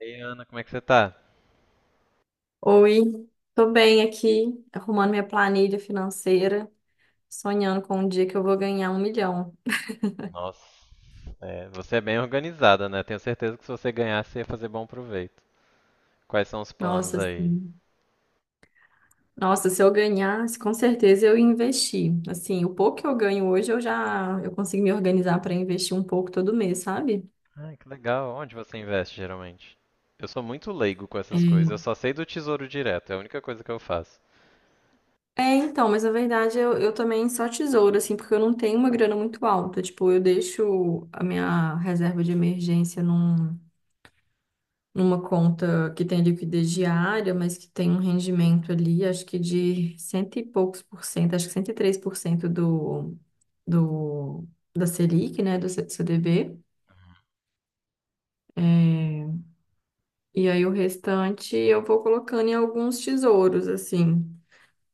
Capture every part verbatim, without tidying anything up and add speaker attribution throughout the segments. Speaker 1: Ei, Ana, como é que você tá?
Speaker 2: Oi, tô bem aqui, arrumando minha planilha financeira, sonhando com um dia que eu vou ganhar um milhão.
Speaker 1: Nossa, é, você é bem organizada, né? Tenho certeza que se você ganhar, você ia fazer bom proveito. Quais são os planos
Speaker 2: Nossa,
Speaker 1: aí?
Speaker 2: assim, nossa, se eu ganhasse, com certeza eu ia investir. Assim, o pouco que eu ganho hoje, eu já eu consigo me organizar para investir um pouco todo mês, sabe?
Speaker 1: Ai, que legal. Onde você investe geralmente? Eu sou muito leigo com essas coisas. Eu
Speaker 2: É,
Speaker 1: só sei do Tesouro Direto, é a única coisa que eu faço.
Speaker 2: é, então, mas na verdade eu, eu também só tesouro, assim, porque eu não tenho uma grana muito alta. Tipo, eu deixo a minha reserva de emergência num. numa conta que tem liquidez diária, mas que tem um rendimento ali, acho que de cento e poucos por cento, acho que cento e três por cento do, do, da Selic, né, do C- CDB. É, e aí o restante eu vou colocando em alguns tesouros, assim,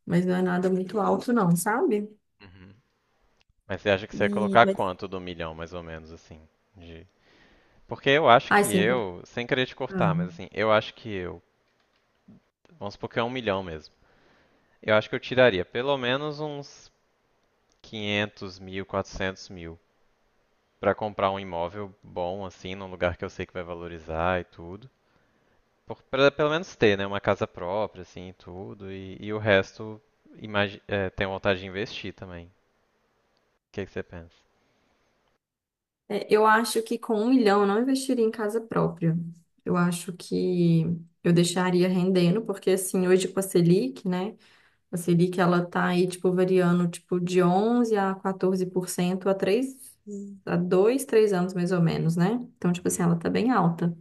Speaker 2: mas não é nada muito alto não, sabe?
Speaker 1: Uhum. Mas você acha que você ia
Speaker 2: E,
Speaker 1: colocar
Speaker 2: mas...
Speaker 1: quanto do milhão, mais ou menos, assim? De... Porque eu acho
Speaker 2: Ai,
Speaker 1: que
Speaker 2: cem por cento.
Speaker 1: eu, sem querer te cortar, mas assim, eu acho que eu, vamos supor que é um milhão mesmo. Eu acho que eu tiraria pelo menos uns quinhentos mil, quatrocentos mil. Pra comprar um imóvel bom, assim, num lugar que eu sei que vai valorizar e tudo. Por, pra pelo menos ter, né, uma casa própria, assim, e tudo. E, e o resto, imagi é, tenho vontade de investir também. O que que você pensa?
Speaker 2: É, eu acho que com um milhão eu não investiria em casa própria. Eu acho que eu deixaria rendendo, porque assim, hoje com a Selic, né? A Selic, ela tá aí, tipo, variando, tipo, de onze a quatorze por cento há três há dois, três anos mais ou menos, né? Então, tipo assim,
Speaker 1: Uhum.
Speaker 2: ela tá bem alta.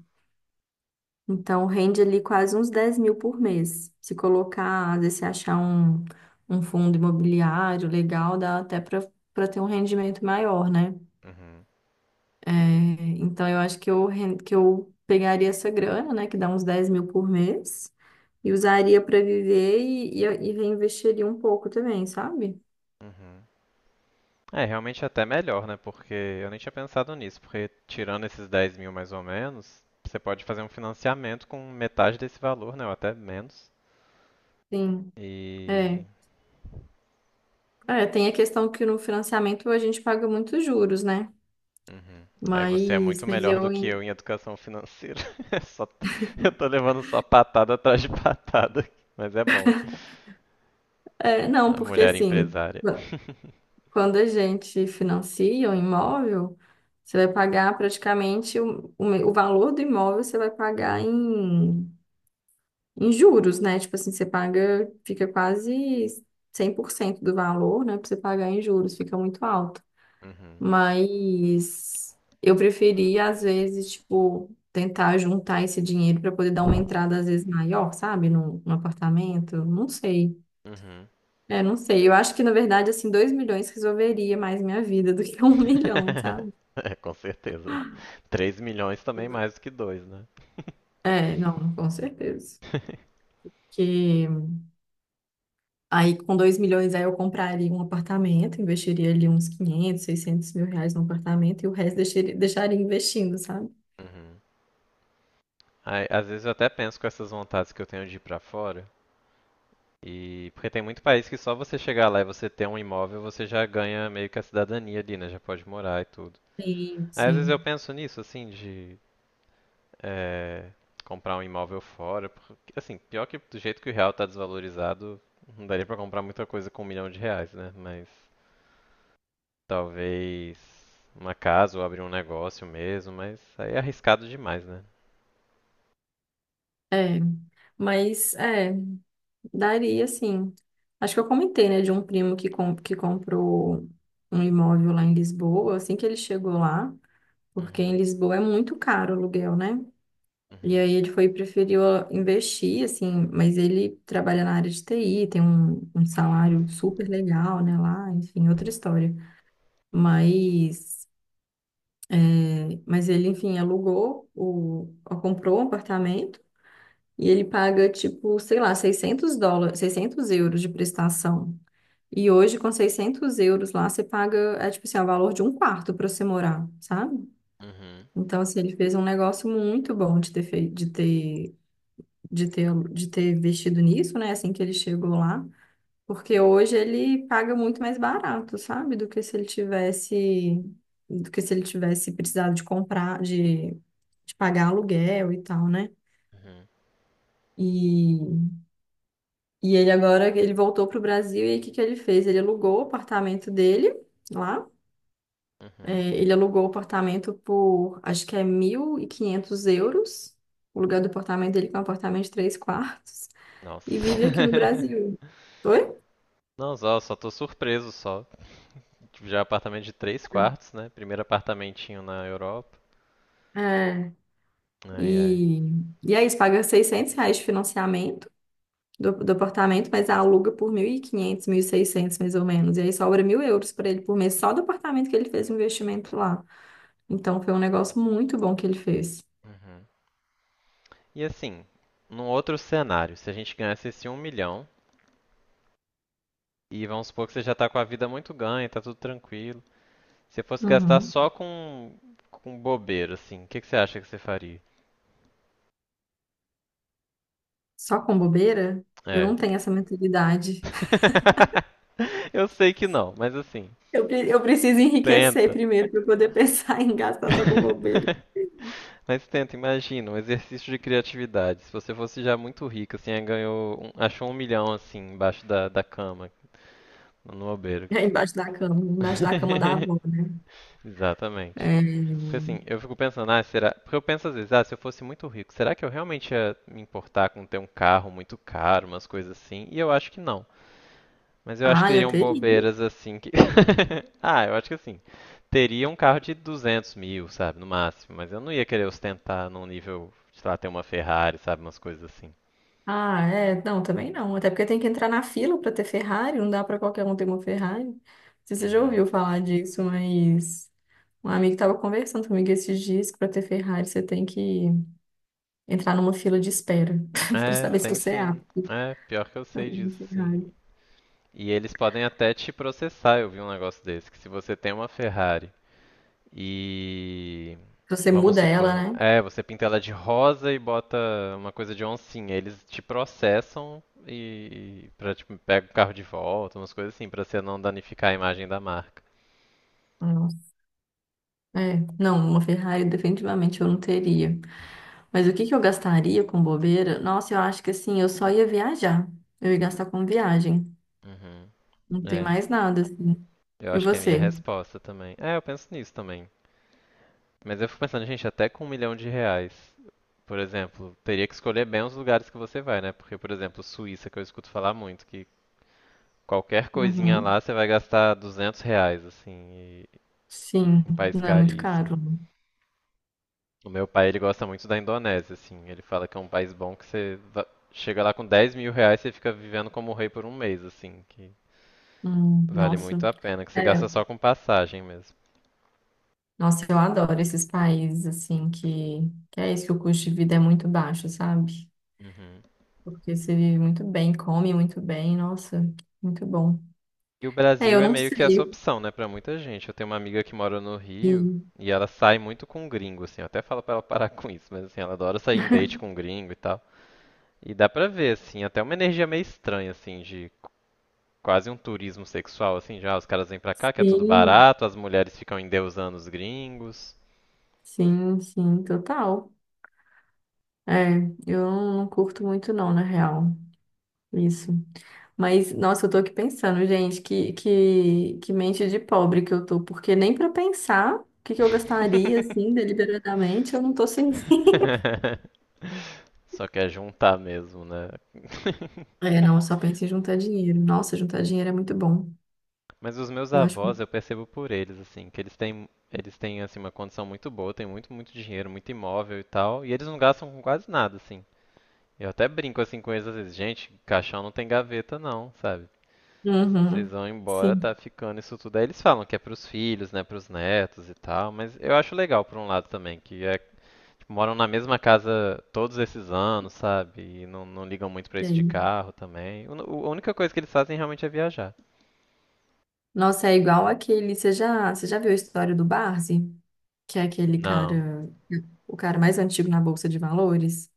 Speaker 2: Então, rende ali quase uns dez mil por mês. Se colocar, às vezes, se achar um, um fundo imobiliário legal, dá até para para ter um rendimento maior, né?
Speaker 1: Uhum,
Speaker 2: É, então eu acho que eu, ren- que eu pegaria essa grana, né, que dá uns dez mil por mês, e usaria para viver e, e, e reinvestiria um pouco também, sabe?
Speaker 1: uhum. É, realmente é até melhor, né? Porque eu nem tinha pensado nisso. Porque tirando esses dez mil mais ou menos, você pode fazer um financiamento com metade desse valor, né? Ou até menos.
Speaker 2: Sim, é.
Speaker 1: E
Speaker 2: É, tem a questão que no financiamento a gente paga muitos juros, né?
Speaker 1: Uhum. Aí você é
Speaker 2: Mas,
Speaker 1: muito
Speaker 2: mas
Speaker 1: melhor do
Speaker 2: eu.
Speaker 1: que eu
Speaker 2: in-
Speaker 1: em educação financeira. É só- Eu tô levando só patada atrás de patada, mas é bom.
Speaker 2: É, não,
Speaker 1: A
Speaker 2: porque
Speaker 1: mulher
Speaker 2: assim,
Speaker 1: empresária.
Speaker 2: quando a gente financia um imóvel, você vai pagar praticamente o, o, me- o valor do imóvel, você vai pagar em. em juros, né? Tipo assim, você paga, fica quase cem por cento do valor, né? Pra você pagar em juros, fica muito alto.
Speaker 1: Uhum.
Speaker 2: Mas eu preferia, às vezes, tipo, tentar juntar esse dinheiro para poder dar uma entrada, às vezes, maior, sabe? Num, num apartamento, não sei.
Speaker 1: Uhum.
Speaker 2: É, não sei. Eu acho que, na verdade, assim, dois milhões resolveria mais minha vida do que um milhão, sabe?
Speaker 1: É, com certeza. Três milhões também é mais do que dois, né?
Speaker 2: É, não, com certeza. Porque Aí, com dois milhões, aí eu compraria um apartamento, investiria ali uns quinhentos, seiscentos mil reais no apartamento e o resto deixaria, deixaria investindo, sabe?
Speaker 1: Uhum. Aí, às vezes eu até penso com essas vontades que eu tenho de ir pra fora. E porque tem muito país que só você chegar lá e você ter um imóvel, você já ganha meio que a cidadania ali, né? Já pode morar e tudo.
Speaker 2: Sim,
Speaker 1: Aí às vezes eu
Speaker 2: sim.
Speaker 1: penso nisso, assim, de é, comprar um imóvel fora. Porque, assim, pior que do jeito que o real tá desvalorizado, não daria pra comprar muita coisa com um milhão de reais, né? Mas talvez uma casa ou abrir um negócio mesmo, mas aí é arriscado demais, né?
Speaker 2: É. Mas, é, daria sim. Acho que eu comentei, né, de um primo que, com, que comprou um imóvel lá em Lisboa, assim que ele chegou lá, porque em
Speaker 1: Uhum,
Speaker 2: Lisboa é muito caro o aluguel, né? E
Speaker 1: uhum,
Speaker 2: aí ele foi e preferiu ah, investir, assim, mas ele trabalha na área de T I, tem um, um salário super legal, né, lá, enfim, outra história. Mas, é, mas ele, enfim, alugou, o, ó, comprou um apartamento e ele paga, tipo, sei lá, seiscentos dólares, seiscentos euros de prestação. E hoje, com seiscentos euros lá, você paga, é tipo assim, é o valor de um quarto para você morar, sabe?
Speaker 1: uhum,
Speaker 2: Então, assim, ele fez um negócio muito bom de ter feito, de ter de ter, de ter investido nisso, né? Assim que ele chegou lá. Porque hoje ele paga muito mais barato, sabe? Do que se ele tivesse, do que se ele tivesse precisado de comprar, de, de pagar aluguel e tal, né?
Speaker 1: uhum,
Speaker 2: E, e ele agora, ele voltou para o Brasil e aí o que que ele fez? Ele alugou o apartamento dele lá.
Speaker 1: uhum.
Speaker 2: É, ele alugou o apartamento por, acho que é mil e quinhentos euros. O lugar do apartamento dele, que é um apartamento de três quartos. E vive aqui no
Speaker 1: Nossa.
Speaker 2: Brasil. Oi?
Speaker 1: Não, só, só tô surpreso só. Tipo, já é apartamento de três quartos, né? Primeiro apartamentinho na Europa.
Speaker 2: É,
Speaker 1: Ai, ai.
Speaker 2: e, e é isso, paga seiscentos reais de financiamento do, do apartamento, mas aluga por mil mil e quinhentos mil e seiscentos mais ou menos. E aí sobra mil euros para ele por mês, só do apartamento que ele fez o investimento lá. Então foi um negócio muito bom que ele fez.
Speaker 1: Uhum. E assim, num outro cenário, se a gente ganhasse esse um milhão, e vamos supor que você já tá com a vida muito ganha, tá tudo tranquilo. Se você fosse gastar
Speaker 2: Uhum.
Speaker 1: só com, com bobeira, assim, o que que você acha que você faria?
Speaker 2: Só com bobeira, eu
Speaker 1: É.
Speaker 2: não tenho essa mentalidade.
Speaker 1: Eu sei que não, mas assim,
Speaker 2: Eu, pre- eu preciso enriquecer
Speaker 1: tenta.
Speaker 2: primeiro para poder pensar em gastar só com bobeira.
Speaker 1: Mas tenta, imagina, um exercício de criatividade. Se você fosse já muito rico, assim, aí ganhou, um- achou um milhão, assim, embaixo da, da cama, no bobeiro.
Speaker 2: É embaixo da cama, embaixo da cama da avó, né?
Speaker 1: Exatamente.
Speaker 2: É,
Speaker 1: Porque assim, eu fico pensando, ah, será. Porque eu penso às vezes, ah, se eu fosse muito rico, será que eu realmente ia me importar com ter um carro muito caro, umas coisas assim? E eu acho que não. Mas eu acho que
Speaker 2: ah, eu
Speaker 1: teriam
Speaker 2: teria.
Speaker 1: bobeiras assim que. Ah, eu acho que assim. Teria um carro de duzentos mil, sabe, no máximo. Mas eu não ia querer ostentar num nível, sei lá, ter uma Ferrari, sabe, umas coisas assim.
Speaker 2: Ah, é, não, também não. Até porque tem que entrar na fila para ter Ferrari, não dá para qualquer um ter uma Ferrari. Não sei se você já
Speaker 1: Uhum.
Speaker 2: ouviu falar disso, mas um amigo estava conversando comigo esses dias que para ter Ferrari você tem que entrar numa fila de espera para
Speaker 1: É,
Speaker 2: saber se
Speaker 1: tem
Speaker 2: você é
Speaker 1: sim.
Speaker 2: apto
Speaker 1: É, pior que eu
Speaker 2: para
Speaker 1: sei
Speaker 2: ter uma
Speaker 1: disso, sim.
Speaker 2: Ferrari.
Speaker 1: E eles podem até te processar, eu vi um negócio desse, que se você tem uma Ferrari e
Speaker 2: Se Você
Speaker 1: vamos
Speaker 2: muda
Speaker 1: supor,
Speaker 2: ela, né?
Speaker 1: é, você pinta ela de rosa e bota uma coisa de oncinha. Eles te processam e para tipo pega o carro de volta, umas coisas assim, pra você não danificar a imagem da marca.
Speaker 2: Nossa. É, não, uma Ferrari definitivamente eu não teria. Mas o que que eu gastaria com bobeira? Nossa, eu acho que assim, eu só ia viajar. Eu ia gastar com viagem.
Speaker 1: Uhum.
Speaker 2: Não tem
Speaker 1: É,
Speaker 2: mais nada, assim.
Speaker 1: eu
Speaker 2: E
Speaker 1: acho que é a minha
Speaker 2: você?
Speaker 1: resposta também. É, eu penso nisso também. Mas eu fico pensando, gente, até com um milhão de reais, por exemplo, teria que escolher bem os lugares que você vai, né? Porque, por exemplo, Suíça, que eu escuto falar muito, que qualquer coisinha
Speaker 2: Uhum.
Speaker 1: lá você vai gastar duzentos reais, assim, e
Speaker 2: Sim,
Speaker 1: um país
Speaker 2: não é muito
Speaker 1: caríssimo.
Speaker 2: caro.
Speaker 1: O meu pai, ele gosta muito da Indonésia, assim. Ele fala que é um país bom que você va- chega lá com dez mil reais e você fica vivendo como rei por um mês, assim. Que
Speaker 2: Hum,
Speaker 1: vale
Speaker 2: nossa.
Speaker 1: muito a pena, que você
Speaker 2: É,
Speaker 1: gasta só com passagem mesmo.
Speaker 2: nossa, eu adoro esses países assim que, que é isso que o custo de vida é muito baixo, sabe?
Speaker 1: Uhum.
Speaker 2: Porque você vive muito bem, come muito bem, nossa, muito bom.
Speaker 1: E o
Speaker 2: É,
Speaker 1: Brasil
Speaker 2: eu
Speaker 1: é
Speaker 2: não
Speaker 1: meio que essa
Speaker 2: sei.
Speaker 1: opção, né, pra muita gente. Eu tenho uma amiga que mora no Rio
Speaker 2: Sim,
Speaker 1: e ela sai muito com gringo, assim. Eu até falo pra ela parar com isso, mas assim, ela adora sair em date com gringo e tal. E dá pra ver, assim, até uma energia meio estranha, assim, de quase um turismo sexual, assim, já. Os caras vêm pra cá, que é tudo
Speaker 2: sim,
Speaker 1: barato, as mulheres ficam endeusando os gringos.
Speaker 2: sim, sim, total. É, eu não curto muito não, na real. Isso. Mas, nossa, eu tô aqui pensando, gente, que, que, que mente de pobre que eu tô, porque nem pra pensar o que, que eu gastaria, assim, deliberadamente, eu não tô sem fim.
Speaker 1: Só quer juntar mesmo, né?
Speaker 2: É, não, eu só penso em juntar dinheiro. Nossa, juntar dinheiro é muito bom.
Speaker 1: Mas os meus
Speaker 2: Eu acho.
Speaker 1: avós, eu percebo por eles, assim, que eles têm, eles têm assim, uma condição muito boa, têm muito, muito dinheiro, muito imóvel e tal, e eles não gastam com quase nada, assim. Eu até brinco assim com eles às vezes, gente, caixão não tem gaveta não, sabe? Vocês
Speaker 2: Uhum,
Speaker 1: vão embora,
Speaker 2: sim,
Speaker 1: tá ficando isso tudo. Aí eles falam que é pros filhos, né, pros netos e tal, mas eu acho legal por um lado também, que é tipo, moram na mesma casa todos esses anos, sabe? E não, não ligam muito pra isso de
Speaker 2: sei.
Speaker 1: carro também. O- o- a única coisa que eles fazem realmente é viajar.
Speaker 2: Nossa, é igual aquele. Você já, você já viu a história do Barzi? Que é aquele
Speaker 1: Não.
Speaker 2: cara, o cara mais antigo na Bolsa de Valores?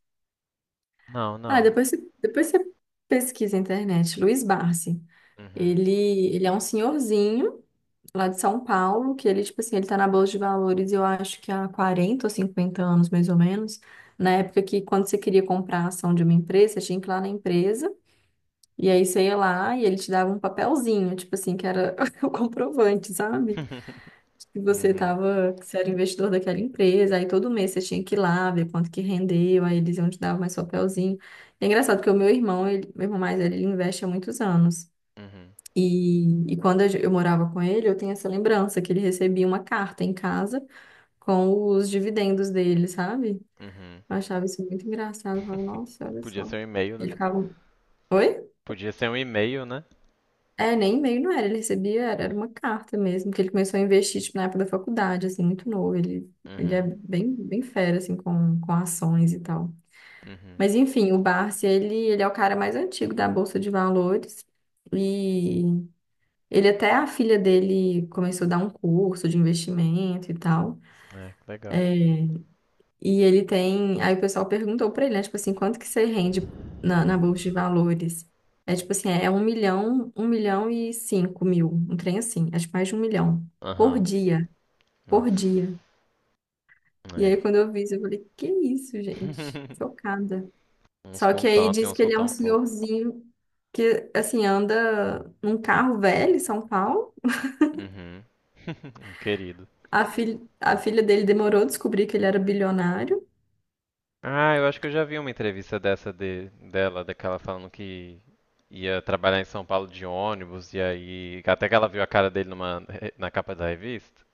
Speaker 1: Não,
Speaker 2: Ah,
Speaker 1: não.
Speaker 2: depois você, depois você pesquisa na internet, Luiz Barzi.
Speaker 1: Uhum.
Speaker 2: Ele, ele é um senhorzinho lá de São Paulo, que ele, tipo assim, ele tá na Bolsa de Valores, eu acho que há quarenta ou cinquenta anos, mais ou menos, na época que quando você queria comprar a ação de uma empresa, você tinha que ir lá na empresa, e aí você ia lá e ele te dava um papelzinho, tipo assim, que era o comprovante, sabe? Que você
Speaker 1: Uhum.
Speaker 2: tava, que você era investidor daquela empresa, aí todo mês você tinha que ir lá ver quanto que rendeu, aí eles iam te dar mais papelzinho. É engraçado porque o meu irmão, ele, meu irmão mais velho, ele investe há muitos anos.
Speaker 1: Uhum.
Speaker 2: E, e quando a gen- eu morava com ele, eu tenho essa lembrança que ele recebia uma carta em casa com os dividendos dele, sabe?
Speaker 1: Uhum.
Speaker 2: Eu achava isso muito engraçado. Eu falava, nossa, olha
Speaker 1: Podia
Speaker 2: só.
Speaker 1: ser um e-mail,
Speaker 2: Ele
Speaker 1: né?
Speaker 2: ficava. Oi?
Speaker 1: Podia ser um e-mail, né?
Speaker 2: É, nem e-mail não era, ele recebia, era, era uma carta mesmo, que ele começou a investir, tipo, na época da faculdade, assim, muito novo. Ele, ele é
Speaker 1: Uhum.
Speaker 2: bem, bem fera, assim, com, com ações e tal.
Speaker 1: Uhum.
Speaker 2: Mas enfim, o Barsi, ele, ele é o cara mais antigo da Bolsa de Valores. E Ele até a filha dele começou a dar um curso de investimento e tal.
Speaker 1: É, que legal.
Speaker 2: E ele tem. Aí o pessoal perguntou pra ele, né? Tipo assim, quanto que você rende na, na bolsa de valores? É tipo assim, é um milhão, um milhão e cinco mil, um trem assim, acho que mais de um milhão por
Speaker 1: Aham.
Speaker 2: dia, por
Speaker 1: Nossa,
Speaker 2: dia. E
Speaker 1: é.
Speaker 2: aí quando eu vi isso, eu falei, que isso, gente? Chocada.
Speaker 1: Uns
Speaker 2: Só
Speaker 1: com
Speaker 2: que aí
Speaker 1: tanto e
Speaker 2: diz
Speaker 1: uns
Speaker 2: que
Speaker 1: com
Speaker 2: ele é
Speaker 1: tão
Speaker 2: um
Speaker 1: pouco.
Speaker 2: senhorzinho que, assim, anda num carro velho em São Paulo.
Speaker 1: Uhum. Um querido.
Speaker 2: A, fil... a filha dele demorou a descobrir que ele era bilionário.
Speaker 1: Ah, eu acho que eu já vi uma entrevista dessa de, dela, daquela falando que ia trabalhar em São Paulo de ônibus, e aí. Até que ela viu a cara dele numa, na capa da revista.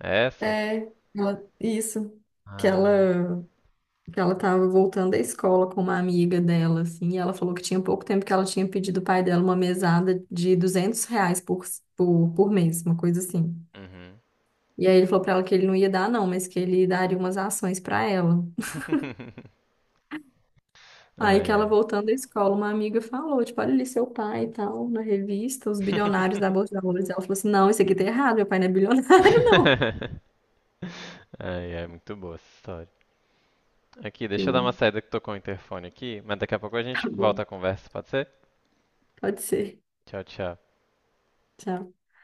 Speaker 1: É essa?
Speaker 2: É, ela- isso. Que
Speaker 1: Ah.
Speaker 2: ela... que ela tava voltando à escola com uma amiga dela, assim, e ela falou que tinha pouco tempo que ela tinha pedido o pai dela uma mesada de duzentos reais por, por, por mês, uma coisa assim.
Speaker 1: Uhum.
Speaker 2: E aí ele falou pra ela que ele não ia dar, não, mas que ele daria umas ações pra ela. Aí
Speaker 1: Ai,
Speaker 2: que ela
Speaker 1: ai.
Speaker 2: voltando da escola, uma amiga falou, tipo, olha ali seu pai e tal, na revista, os bilionários da Bolsa de Valores. Ela falou assim, não, isso aqui tá errado, meu pai não é bilionário, não.
Speaker 1: Ai, ai, muito boa essa história. Aqui, deixa eu dar uma
Speaker 2: Sim.
Speaker 1: saída que tocou o interfone aqui, mas daqui a pouco a
Speaker 2: Tá
Speaker 1: gente
Speaker 2: bom,
Speaker 1: volta a conversa, pode ser?
Speaker 2: pode ser.
Speaker 1: Tchau, tchau.
Speaker 2: Tchau.